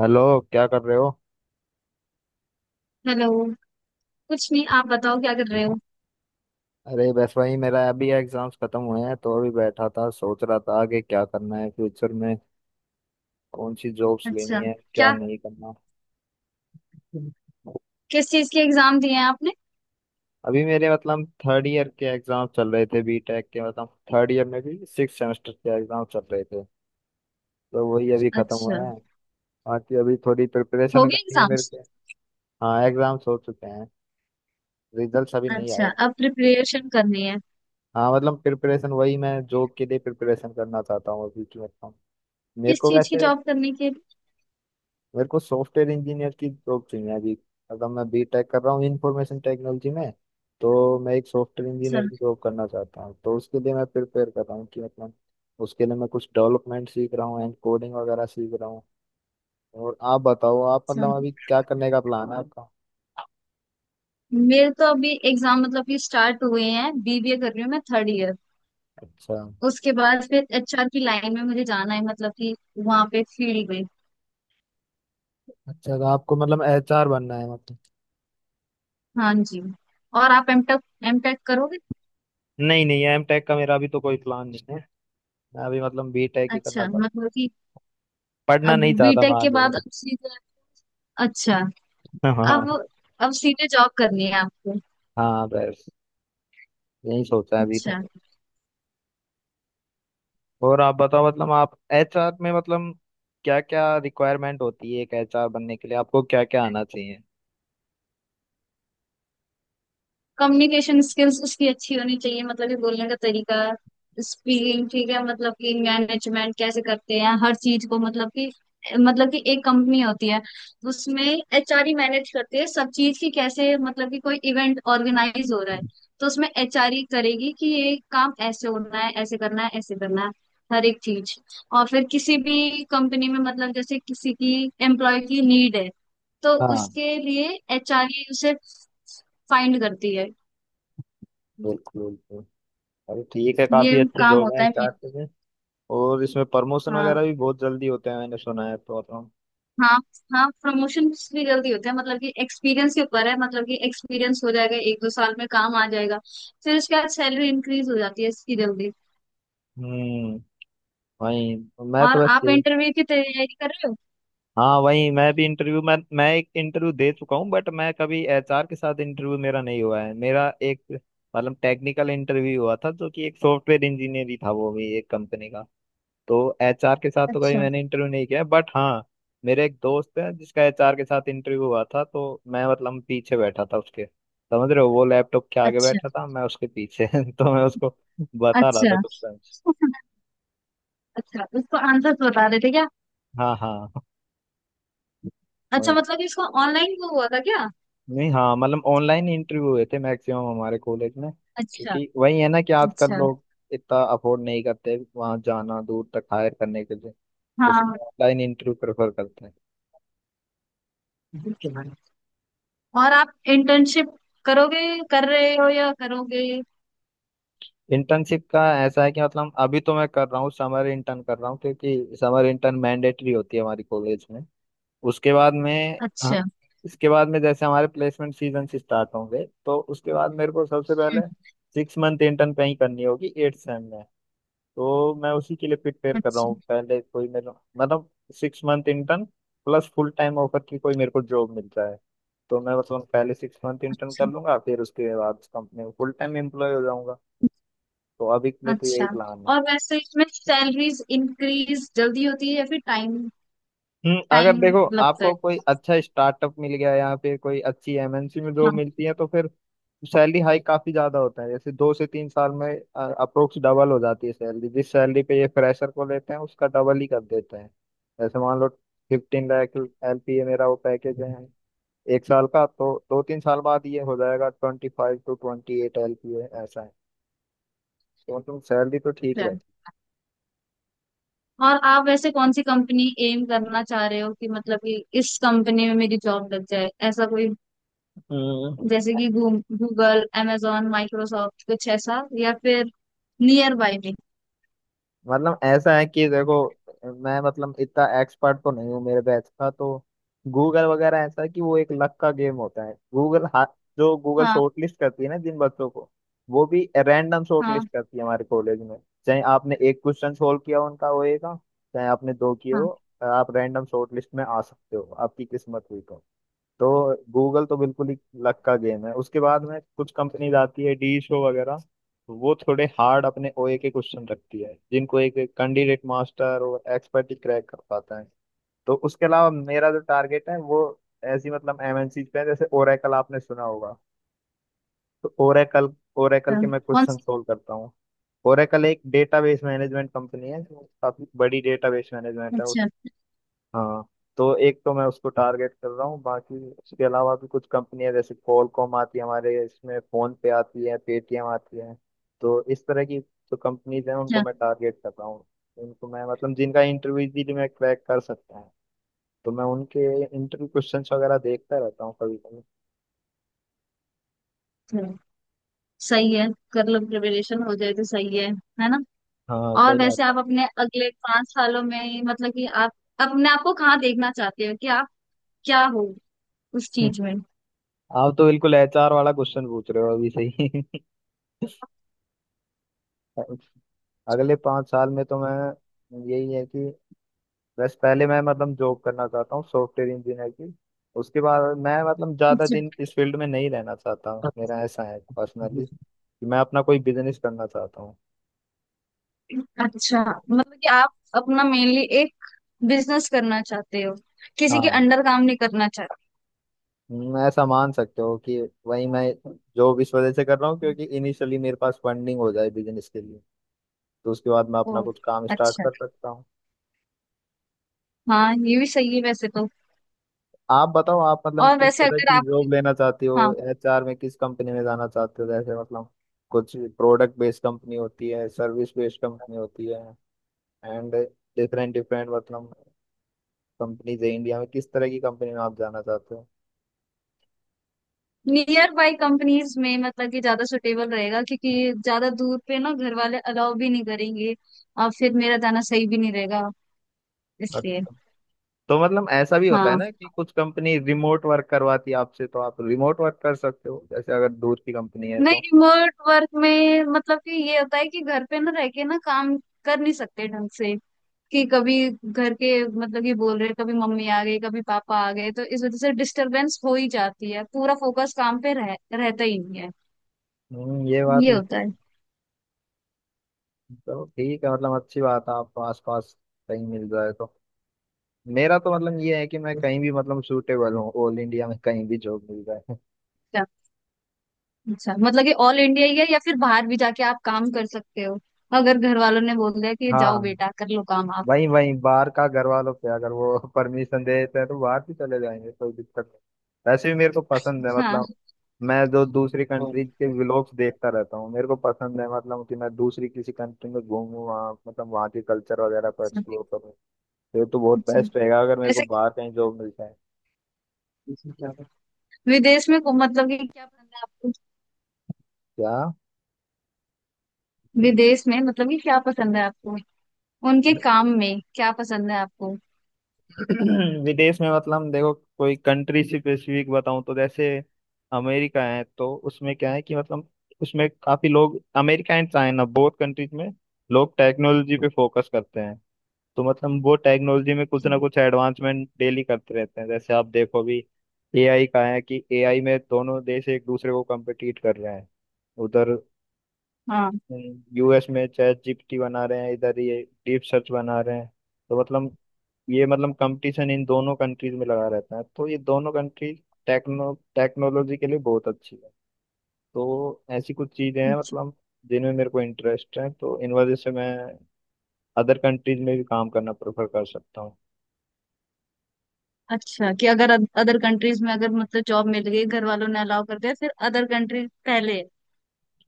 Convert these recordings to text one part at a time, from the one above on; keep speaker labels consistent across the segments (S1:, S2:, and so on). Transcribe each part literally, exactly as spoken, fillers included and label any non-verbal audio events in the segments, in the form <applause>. S1: Hello, क्या कर रहे हो?
S2: हेलो। कुछ नहीं, आप बताओ क्या कर रहे हो।
S1: अरे बस भाई, मेरा अभी एग्जाम्स खत्म हुए हैं, तो अभी बैठा था सोच रहा था आगे क्या करना है फ्यूचर में, कौन सी जॉब्स लेनी
S2: अच्छा।
S1: है, क्या
S2: क्या
S1: नहीं करना।
S2: किस चीज के एग्जाम दिए हैं आपने?
S1: अभी मेरे मतलब थर्ड ईयर के एग्जाम चल रहे थे बी टेक के, मतलब थर्ड ईयर में भी सिक्स सेमेस्टर के एग्जाम चल रहे थे, तो वही अभी खत्म हुए
S2: अच्छा।
S1: हैं। बाकी अभी थोड़ी
S2: हो
S1: प्रिपरेशन
S2: गए
S1: करनी है मेरे
S2: एग्जाम्स?
S1: को। हाँ, एग्जाम्स हो चुके हैं। रिजल्ट्स अभी नहीं
S2: अच्छा,
S1: आए।
S2: अब प्रिपरेशन करनी है?
S1: हाँ, मतलब प्रिपरेशन वही, मैं जॉब के लिए प्रिपरेशन करना चाहता हूँ अभी की, मतलब मेरे
S2: किस
S1: को
S2: चीज की
S1: वैसे
S2: जॉब करने के लिए?
S1: मेरे को सॉफ्टवेयर इंजीनियर की जॉब चाहिए अभी। अगर मैं बी टेक कर रहा हूँ इंफॉर्मेशन टेक्नोलॉजी में, तो मैं एक सॉफ्टवेयर इंजीनियर की
S2: अच्छा।
S1: जॉब करना चाहता हूँ, तो उसके लिए मैं प्रिपेयर कर रहा हूँ कि मतलब उसके लिए मैं कुछ डेवलपमेंट सीख रहा हूँ एंड कोडिंग वगैरह सीख रहा हूँ। और आप बताओ, आप
S2: अच्छा,
S1: मतलब अभी क्या करने का प्लान है आपका?
S2: मेरे तो अभी एग्जाम मतलब कि स्टार्ट हुए हैं। बीबीए कर रही हूँ मैं, थर्ड ईयर।
S1: अच्छा।
S2: उसके बाद फिर एचआर की लाइन में मुझे जाना है, मतलब कि वहां पे फील्ड में।
S1: अच्छा, तो आपको मतलब एच आर बनना है, मतलब?
S2: हाँ जी। और आप एमटेक एमटेक करोगे?
S1: नहीं नहीं, एम टेक का मेरा अभी तो कोई प्लान नहीं है। मैं अभी मतलब बी टेक ही करना
S2: अच्छा,
S1: चाहता,
S2: मतलब कि
S1: पढ़ना
S2: अब
S1: नहीं चाहता
S2: बीटेक
S1: मैं
S2: के
S1: आगे और।
S2: बाद अब सीधे। अच्छा।
S1: <laughs>
S2: अब
S1: हाँ।
S2: अब सीधे जॉब करनी है आपको?
S1: हाँ बस, यही सोचा है अभी तो।
S2: अच्छा।
S1: और आप बताओ, मतलब आप एच आर में, मतलब क्या क्या रिक्वायरमेंट होती है एक एच आर बनने के लिए? आपको क्या क्या आना चाहिए?
S2: कम्युनिकेशन स्किल्स उसकी अच्छी होनी चाहिए, मतलब कि बोलने का तरीका, स्पीकिंग ठीक है। मतलब कि मैनेजमेंट कैसे करते हैं हर चीज को, मतलब कि मतलब कि एक कंपनी होती है। उसमें एचआर ही मैनेज करती है सब चीज की, कैसे, मतलब कि कोई इवेंट ऑर्गेनाइज हो रहा है तो उसमें एचआर ही करेगी कि ये काम ऐसे होना है, ऐसे करना है, ऐसे करना है, हर एक चीज। और फिर किसी भी कंपनी में, मतलब जैसे किसी की एम्प्लॉय की नीड है, तो
S1: हाँ,
S2: उसके लिए एचआरए उसे फाइंड करती है।
S1: बिल्कुल बिल्कुल। अरे ठीक है,
S2: ये
S1: काफी अच्छी
S2: काम
S1: जॉब
S2: होता
S1: है
S2: है
S1: एच आर
S2: मेन।
S1: के लिए। और इसमें प्रमोशन
S2: हाँ।
S1: वगैरह भी बहुत जल्दी होते हैं, मैंने सुना है तो मतलब
S2: हाँ। हाँ, प्रमोशन भी जल्दी होता है, मतलब कि एक्सपीरियंस के ऊपर है, मतलब कि एक्सपीरियंस हो जाएगा एक दो साल में, काम आ जाएगा। फिर उसके बाद सैलरी इंक्रीज हो जाती है इसकी जल्दी।
S1: हम्म वही तो, मैं तो
S2: और आप
S1: वैसे।
S2: इंटरव्यू की तैयारी कर रहे हो?
S1: हाँ, वही मैं भी इंटरव्यू, मैं मैं एक इंटरव्यू दे चुका हूँ, बट मैं कभी एच आर के साथ इंटरव्यू मेरा नहीं हुआ है, मेरा एक मतलब टेक्निकल इंटरव्यू हुआ था, जो कि एक सॉफ्टवेयर इंजीनियर ही था, वो भी एक कंपनी का। तो एच आर के साथ तो कभी
S2: अच्छा।
S1: मैंने इंटरव्यू नहीं किया, बट हाँ, मेरे एक दोस्त है जिसका एच आर के साथ इंटरव्यू हुआ था, तो मैं मतलब पीछे बैठा था उसके, समझ रहे हो, वो लैपटॉप के आगे
S2: अच्छा।
S1: बैठा था, मैं उसके पीछे <laughs> तो मैं उसको बता रहा था
S2: अच्छा।
S1: क्वेश्चन।
S2: <laughs> अच्छा, उसको आंसर बता रहे थे क्या?
S1: हाँ हाँ,
S2: अच्छा,
S1: वही।
S2: मतलब कि इसको ऑनलाइन वो हुआ था क्या?
S1: नहीं, हाँ मतलब ऑनलाइन इंटरव्यू हुए थे मैक्सिमम हमारे कॉलेज में।
S2: अच्छा।
S1: क्योंकि वही है ना, कि आजकल
S2: अच्छा।
S1: लोग इतना अफोर्ड नहीं करते वहां जाना दूर तक हायर करने के लिए, तो सब ऑनलाइन इंटरव्यू प्रेफर करते हैं।
S2: हाँ। और आप इंटर्नशिप करोगे कर रहे हो या करोगे?
S1: इंटर्नशिप का ऐसा है कि मतलब अभी तो मैं कर रहा हूँ, समर इंटर्न कर रहा हूँ, क्योंकि समर इंटर्न मैंडेटरी होती है हमारी कॉलेज में। उसके बाद में हाँ,
S2: अच्छा।
S1: इसके बाद में जैसे हमारे प्लेसमेंट सीजन से स्टार्ट होंगे, तो उसके बाद मेरे को सबसे पहले
S2: हम्म,
S1: सिक्स मंथ इंटर्न कहीं करनी होगी एट सेम में, तो मैं उसी के लिए प्रिपेयर कर रहा
S2: अच्छा।
S1: हूँ, पहले कोई मेरे मतलब six month intern plus full time offer की कोई मेरे को जॉब मिल जाए, तो मैं मतलब पहले सिक्स मंथ इंटर्न
S2: अच्छा।
S1: कर लूंगा, फिर उसके बाद उस कंपनी में फुल टाइम एम्प्लॉय हो जाऊंगा। तो अभी के लिए तो यही
S2: अच्छा।
S1: प्लान है।
S2: और वैसे इसमें सैलरीज इंक्रीज जल्दी होती है या फिर टाइम।
S1: हम्म, अगर
S2: टाइम
S1: देखो,
S2: लगता है?
S1: आपको कोई अच्छा स्टार्टअप मिल गया, यहाँ पे कोई अच्छी एम एन सी में जॉब
S2: हाँ।
S1: मिलती है, तो फिर सैलरी हाइक काफी ज्यादा होता है, जैसे दो से तीन साल में अप्रोक्स डबल हो जाती है सैलरी। जिस सैलरी पे ये फ्रेशर को लेते हैं, उसका डबल ही कर देते हैं। जैसे मान लो fifteen lakh L P A मेरा वो पैकेज है एक साल का, तो दो तीन साल बाद ये हो जाएगा twenty five to twenty eight L P A, ऐसा है। तो मतलब सैलरी तो ठीक
S2: अच्छा।
S1: रहे।
S2: और आप वैसे कौन सी कंपनी एम करना चाह रहे हो, कि मतलब कि इस कंपनी में मेरी जॉब लग जाए, ऐसा कोई?
S1: हम्म
S2: जैसे कि गूगल, amazon, माइक्रोसॉफ्ट, कुछ ऐसा, या फिर नियर बाय में?
S1: मतलब ऐसा है कि देखो, मैं मतलब इतना एक्सपर्ट तो नहीं हूँ। मेरे बैच का तो गूगल वगैरह ऐसा है कि वो एक लक का गेम होता है। गूगल हा, जो गूगल
S2: हाँ।
S1: शॉर्टलिस्ट करती है ना जिन बच्चों को, वो भी रैंडम शॉर्टलिस्ट
S2: हाँ।
S1: करती है हमारे कॉलेज में। चाहे आपने एक क्वेश्चन सोल्व किया हो उनका होएगा, चाहे आपने दो किए हो,
S2: हाँ।
S1: आप रैंडम शॉर्टलिस्ट में आ सकते हो, आपकी किस्मत हुई तो। तो गूगल तो बिल्कुल ही लक का गेम है। उसके बाद में कुछ कंपनीज आती है डी शो वगैरह, वो थोड़े हार्ड अपने ओ ए के क्वेश्चन रखती है, जिनको एक कैंडिडेट मास्टर और एक्सपर्ट ही क्रैक कर पाता है। तो उसके अलावा मेरा जो टारगेट है, वो ऐसी मतलब एम एन सी पे है, जैसे ओरेकल, आपने सुना होगा। तो ओरेकल ओरेकल
S2: अच्छा।
S1: के मैं
S2: कौन
S1: क्वेश्चन
S2: सी?
S1: सोल्व करता हूँ। ओरेकल एक डेटाबेस मैनेजमेंट कंपनी है, जो काफी बड़ी डेटाबेस मैनेजमेंट है।
S2: अच्छा।
S1: हाँ, तो एक तो मैं उसको टारगेट कर रहा हूँ, बाकी उसके अलावा भी कुछ कंपनियां जैसे क्वालकॉम आती है हमारे इसमें, फोन पे आती है, पेटीएम आती है। तो इस तरह की जो कंपनीज हैं उनको
S2: अच्छा।
S1: मैं टारगेट कर रहा हूँ। उनको मैं मतलब जिनका इंटरव्यू इजीली मैं क्रैक कर सकता है, तो मैं उनके इंटरव्यू क्वेश्चंस वगैरह देखता रहता हूँ कभी कभी।
S2: अच्छा, सही है, कर लो प्रिपरेशन, हो जाए तो सही है है ना?
S1: हाँ,
S2: और
S1: सही बात
S2: वैसे
S1: है।
S2: आप अपने अगले पांच सालों में, मतलब कि आप अपने आप को कहाँ देखना चाहते हो, कि आप क्या हो उस
S1: हम्म,
S2: चीज में?
S1: आप तो बिल्कुल एच आर वाला क्वेश्चन पूछ रहे हो अभी, सही। <laughs> अगले पाँच साल में तो मैं यही है कि बस पहले मैं मतलब जॉब करना चाहता हूँ सॉफ्टवेयर इंजीनियर की। उसके बाद मैं मतलब ज़्यादा
S2: अच्छा।
S1: दिन इस फील्ड में नहीं रहना चाहता हूँ, मेरा ऐसा है पर्सनली कि मैं अपना कोई बिजनेस करना चाहता हूँ।
S2: अच्छा, मतलब कि आप अपना मेनली एक बिजनेस करना चाहते हो, किसी के
S1: हाँ,
S2: अंडर काम नहीं करना चाहते?
S1: हम्म, ऐसा मान सकते हो कि वही मैं जॉब इस वजह से कर रहा हूँ,
S2: हो।
S1: क्योंकि इनिशियली मेरे पास फंडिंग हो जाए बिजनेस के लिए, तो उसके बाद मैं
S2: ओ।
S1: अपना कुछ काम स्टार्ट
S2: अच्छा।
S1: कर सकता हूँ।
S2: हाँ, ये भी सही है वैसे तो।
S1: आप बताओ, आप मतलब
S2: और
S1: किस
S2: वैसे
S1: तरह
S2: अगर
S1: की
S2: आप।
S1: जॉब लेना चाहते हो
S2: हाँ।
S1: एच आर में? किस कंपनी में जाना चाहते हो, जैसे मतलब कुछ प्रोडक्ट बेस्ड कंपनी होती है, सर्विस बेस्ड कंपनी होती है, एंड डिफरेंट डिफरेंट मतलब कंपनीज है इंडिया में। किस तरह की कंपनी में आप जाना चाहते हो?
S2: नियर बाई कंपनीज में, मतलब कि ज्यादा सुटेबल रहेगा, क्योंकि ज्यादा दूर पे ना घर वाले अलाउ भी नहीं करेंगे, और फिर मेरा जाना सही भी नहीं रहेगा,
S1: और-
S2: इसलिए।
S1: तो मतलब ऐसा भी होता है
S2: हाँ।
S1: ना कि कुछ कंपनी रिमोट वर्क करवाती है आपसे, तो आप रिमोट वर्क कर सकते हो, जैसे अगर दूर की कंपनी है
S2: नहीं,
S1: तो।
S2: रिमोट वर्क में मतलब कि ये होता है कि घर पे ना रह के ना काम कर नहीं सकते ढंग से। कि कभी घर के, मतलब कि, बोल रहे, कभी मम्मी आ गई, कभी पापा आ गए, तो इस वजह से डिस्टरबेंस हो ही जाती है, पूरा फोकस काम पे रह, रहता ही नहीं है।
S1: हम्म ये बात
S2: ये
S1: भी।
S2: होता है।
S1: तो ठीक है, मतलब अच्छी बात है आपको आसपास कहीं मिल जाए तो। मेरा तो मतलब ये है कि मैं कहीं भी मतलब सूटेबल हूँ, ऑल इंडिया में कहीं भी जॉब मिल जाए। <laughs>
S2: अच्छा, मतलब कि ऑल इंडिया ही है या फिर बाहर भी जाके आप काम कर सकते हो, अगर घर वालों ने बोल दिया कि जाओ
S1: हाँ,
S2: बेटा कर लो काम आप?
S1: वहीं वहीं बाहर का, घर वालों पे अगर वो <laughs> परमिशन दे देते हैं, तो बाहर भी चले जाएंगे, कोई दिक्कत नहीं। वैसे भी मेरे को पसंद है
S2: हाँ।
S1: मतलब, मैं जो दूसरी कंट्री के व्लॉग्स देखता रहता हूँ, मेरे को पसंद है, मतलब कि मैं दूसरी किसी कंट्री में घूमूं, वहाँ मतलब वहाँ के कल्चर वगैरह को
S2: अच्छा।
S1: एक्सप्लोर करूँ। तो ये तो बहुत
S2: अच्छा।
S1: बेस्ट रहेगा अगर मेरे को
S2: वैसे,
S1: बाहर कहीं जॉब मिल जाए।
S2: विदेश में को- मतलब कि क्या पसंद है आपको?
S1: क्या?
S2: विदेश में मतलब कि क्या पसंद है आपको, उनके काम में क्या पसंद है आपको?
S1: <clears throat> विदेश में मतलब देखो, कोई कंट्री स्पेसिफिक बताऊं तो जैसे अमेरिका है, तो उसमें क्या है कि मतलब उसमें काफी लोग, America and China both countries में लोग टेक्नोलॉजी पे फोकस करते हैं। तो मतलब वो टेक्नोलॉजी में कुछ ना
S2: अच्छा।
S1: कुछ एडवांसमेंट डेली करते रहते हैं, जैसे आप देखो अभी ए आई का है कि ए आई में दोनों देश एक दूसरे को कम्पिटिट कर रहे हैं। उधर
S2: हाँ।
S1: यू एस में चैट जी पी टी बना रहे हैं, इधर ये डीप सर्च बना रहे हैं। तो मतलब ये मतलब कंपटीशन इन दोनों कंट्रीज में लगा रहता है। तो ये दोनों कंट्री टेक्नो टेक्नोलॉजी के लिए बहुत अच्छी है। तो ऐसी कुछ चीजें हैं
S2: अच्छा।
S1: मतलब जिनमें मेरे को इंटरेस्ट है, तो इन वजह से मैं अदर कंट्रीज में भी काम करना प्रेफर कर सकता हूँ।
S2: अच्छा, कि अगर अदर कंट्रीज में अगर मतलब जॉब मिल गई, घर वालों ने अलाउ कर दिया, फिर अदर कंट्रीज पहले है,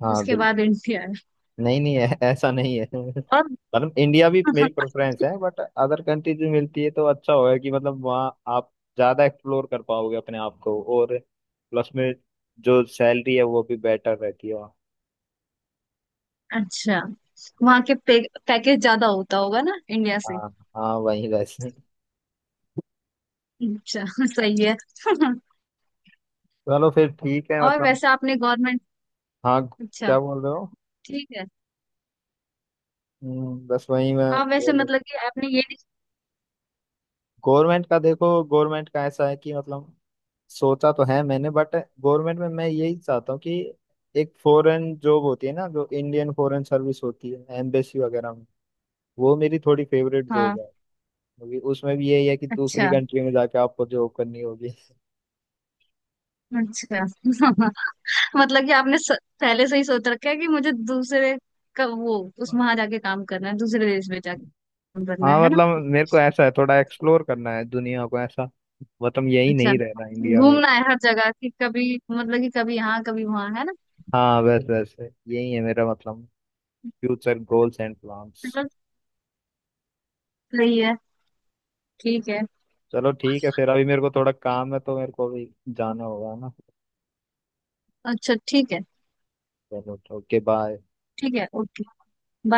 S1: हाँ
S2: उसके
S1: बिल्कुल।
S2: बाद इंडिया है?
S1: नहीं नहीं, ऐ- ऐसा नहीं है। <laughs>
S2: और <laughs>
S1: मतलब इंडिया भी मेरी प्रेफरेंस है, बट अदर कंट्रीज में मिलती है तो अच्छा होगा, कि मतलब वहाँ आप ज्यादा एक्सप्लोर कर पाओगे अपने आप को। और प्लस में जो सैलरी है वो भी बेटर रहती है वहाँ।
S2: अच्छा, वहाँ के पैकेज ज्यादा होता होगा ना इंडिया से?
S1: हाँ, हाँ वही वैसे।
S2: अच्छा। <laughs> सही है। <laughs>
S1: चलो फिर ठीक है
S2: और
S1: मतलब।
S2: वैसे आपने गवर्नमेंट।
S1: हाँ,
S2: अच्छा,
S1: क्या बोल रहे हो?
S2: ठीक है।
S1: हम्म, बस वही मैं
S2: आप वैसे
S1: बोल
S2: मतलब कि आपने ये नहीं।
S1: गवर्नमेंट का, देखो गवर्नमेंट का ऐसा है कि मतलब सोचा तो है मैंने, बट गवर्नमेंट में मैं यही चाहता हूँ कि एक फॉरेन जॉब होती है ना, जो इंडियन फॉरेन सर्विस होती है एम्बेसी वगैरह में, वो मेरी थोड़ी फेवरेट जॉब
S2: हाँ।
S1: है। क्योंकि उसमें भी यही है कि दूसरी
S2: अच्छा।
S1: कंट्री में जाके आपको जॉब करनी होगी।
S2: अच्छा। <laughs> मतलब कि आपने स, पहले से ही सोच रखा है कि मुझे दूसरे का वो उस वहां जाके काम करना है, दूसरे देश में जाके काम करना है
S1: हाँ
S2: है ना?
S1: मतलब मेरे को ऐसा है, थोड़ा एक्सप्लोर करना है दुनिया को, ऐसा मतलब यही
S2: अच्छा,
S1: नहीं रहना इंडिया में।
S2: घूमना है हर जगह, कि कभी मतलब कि कभी यहाँ कभी वहां, है ना?
S1: हाँ, बस बस यही है मेरा मतलब, फ्यूचर गोल्स एंड प्लान्स।
S2: मतलब, सही है, ठीक है।
S1: चलो ठीक है फिर, अभी मेरे को थोड़ा काम है तो मेरे को अभी जाना होगा ना।
S2: अच्छा, ठीक है।
S1: चलो, ओके बाय।
S2: ठीक है, ओके।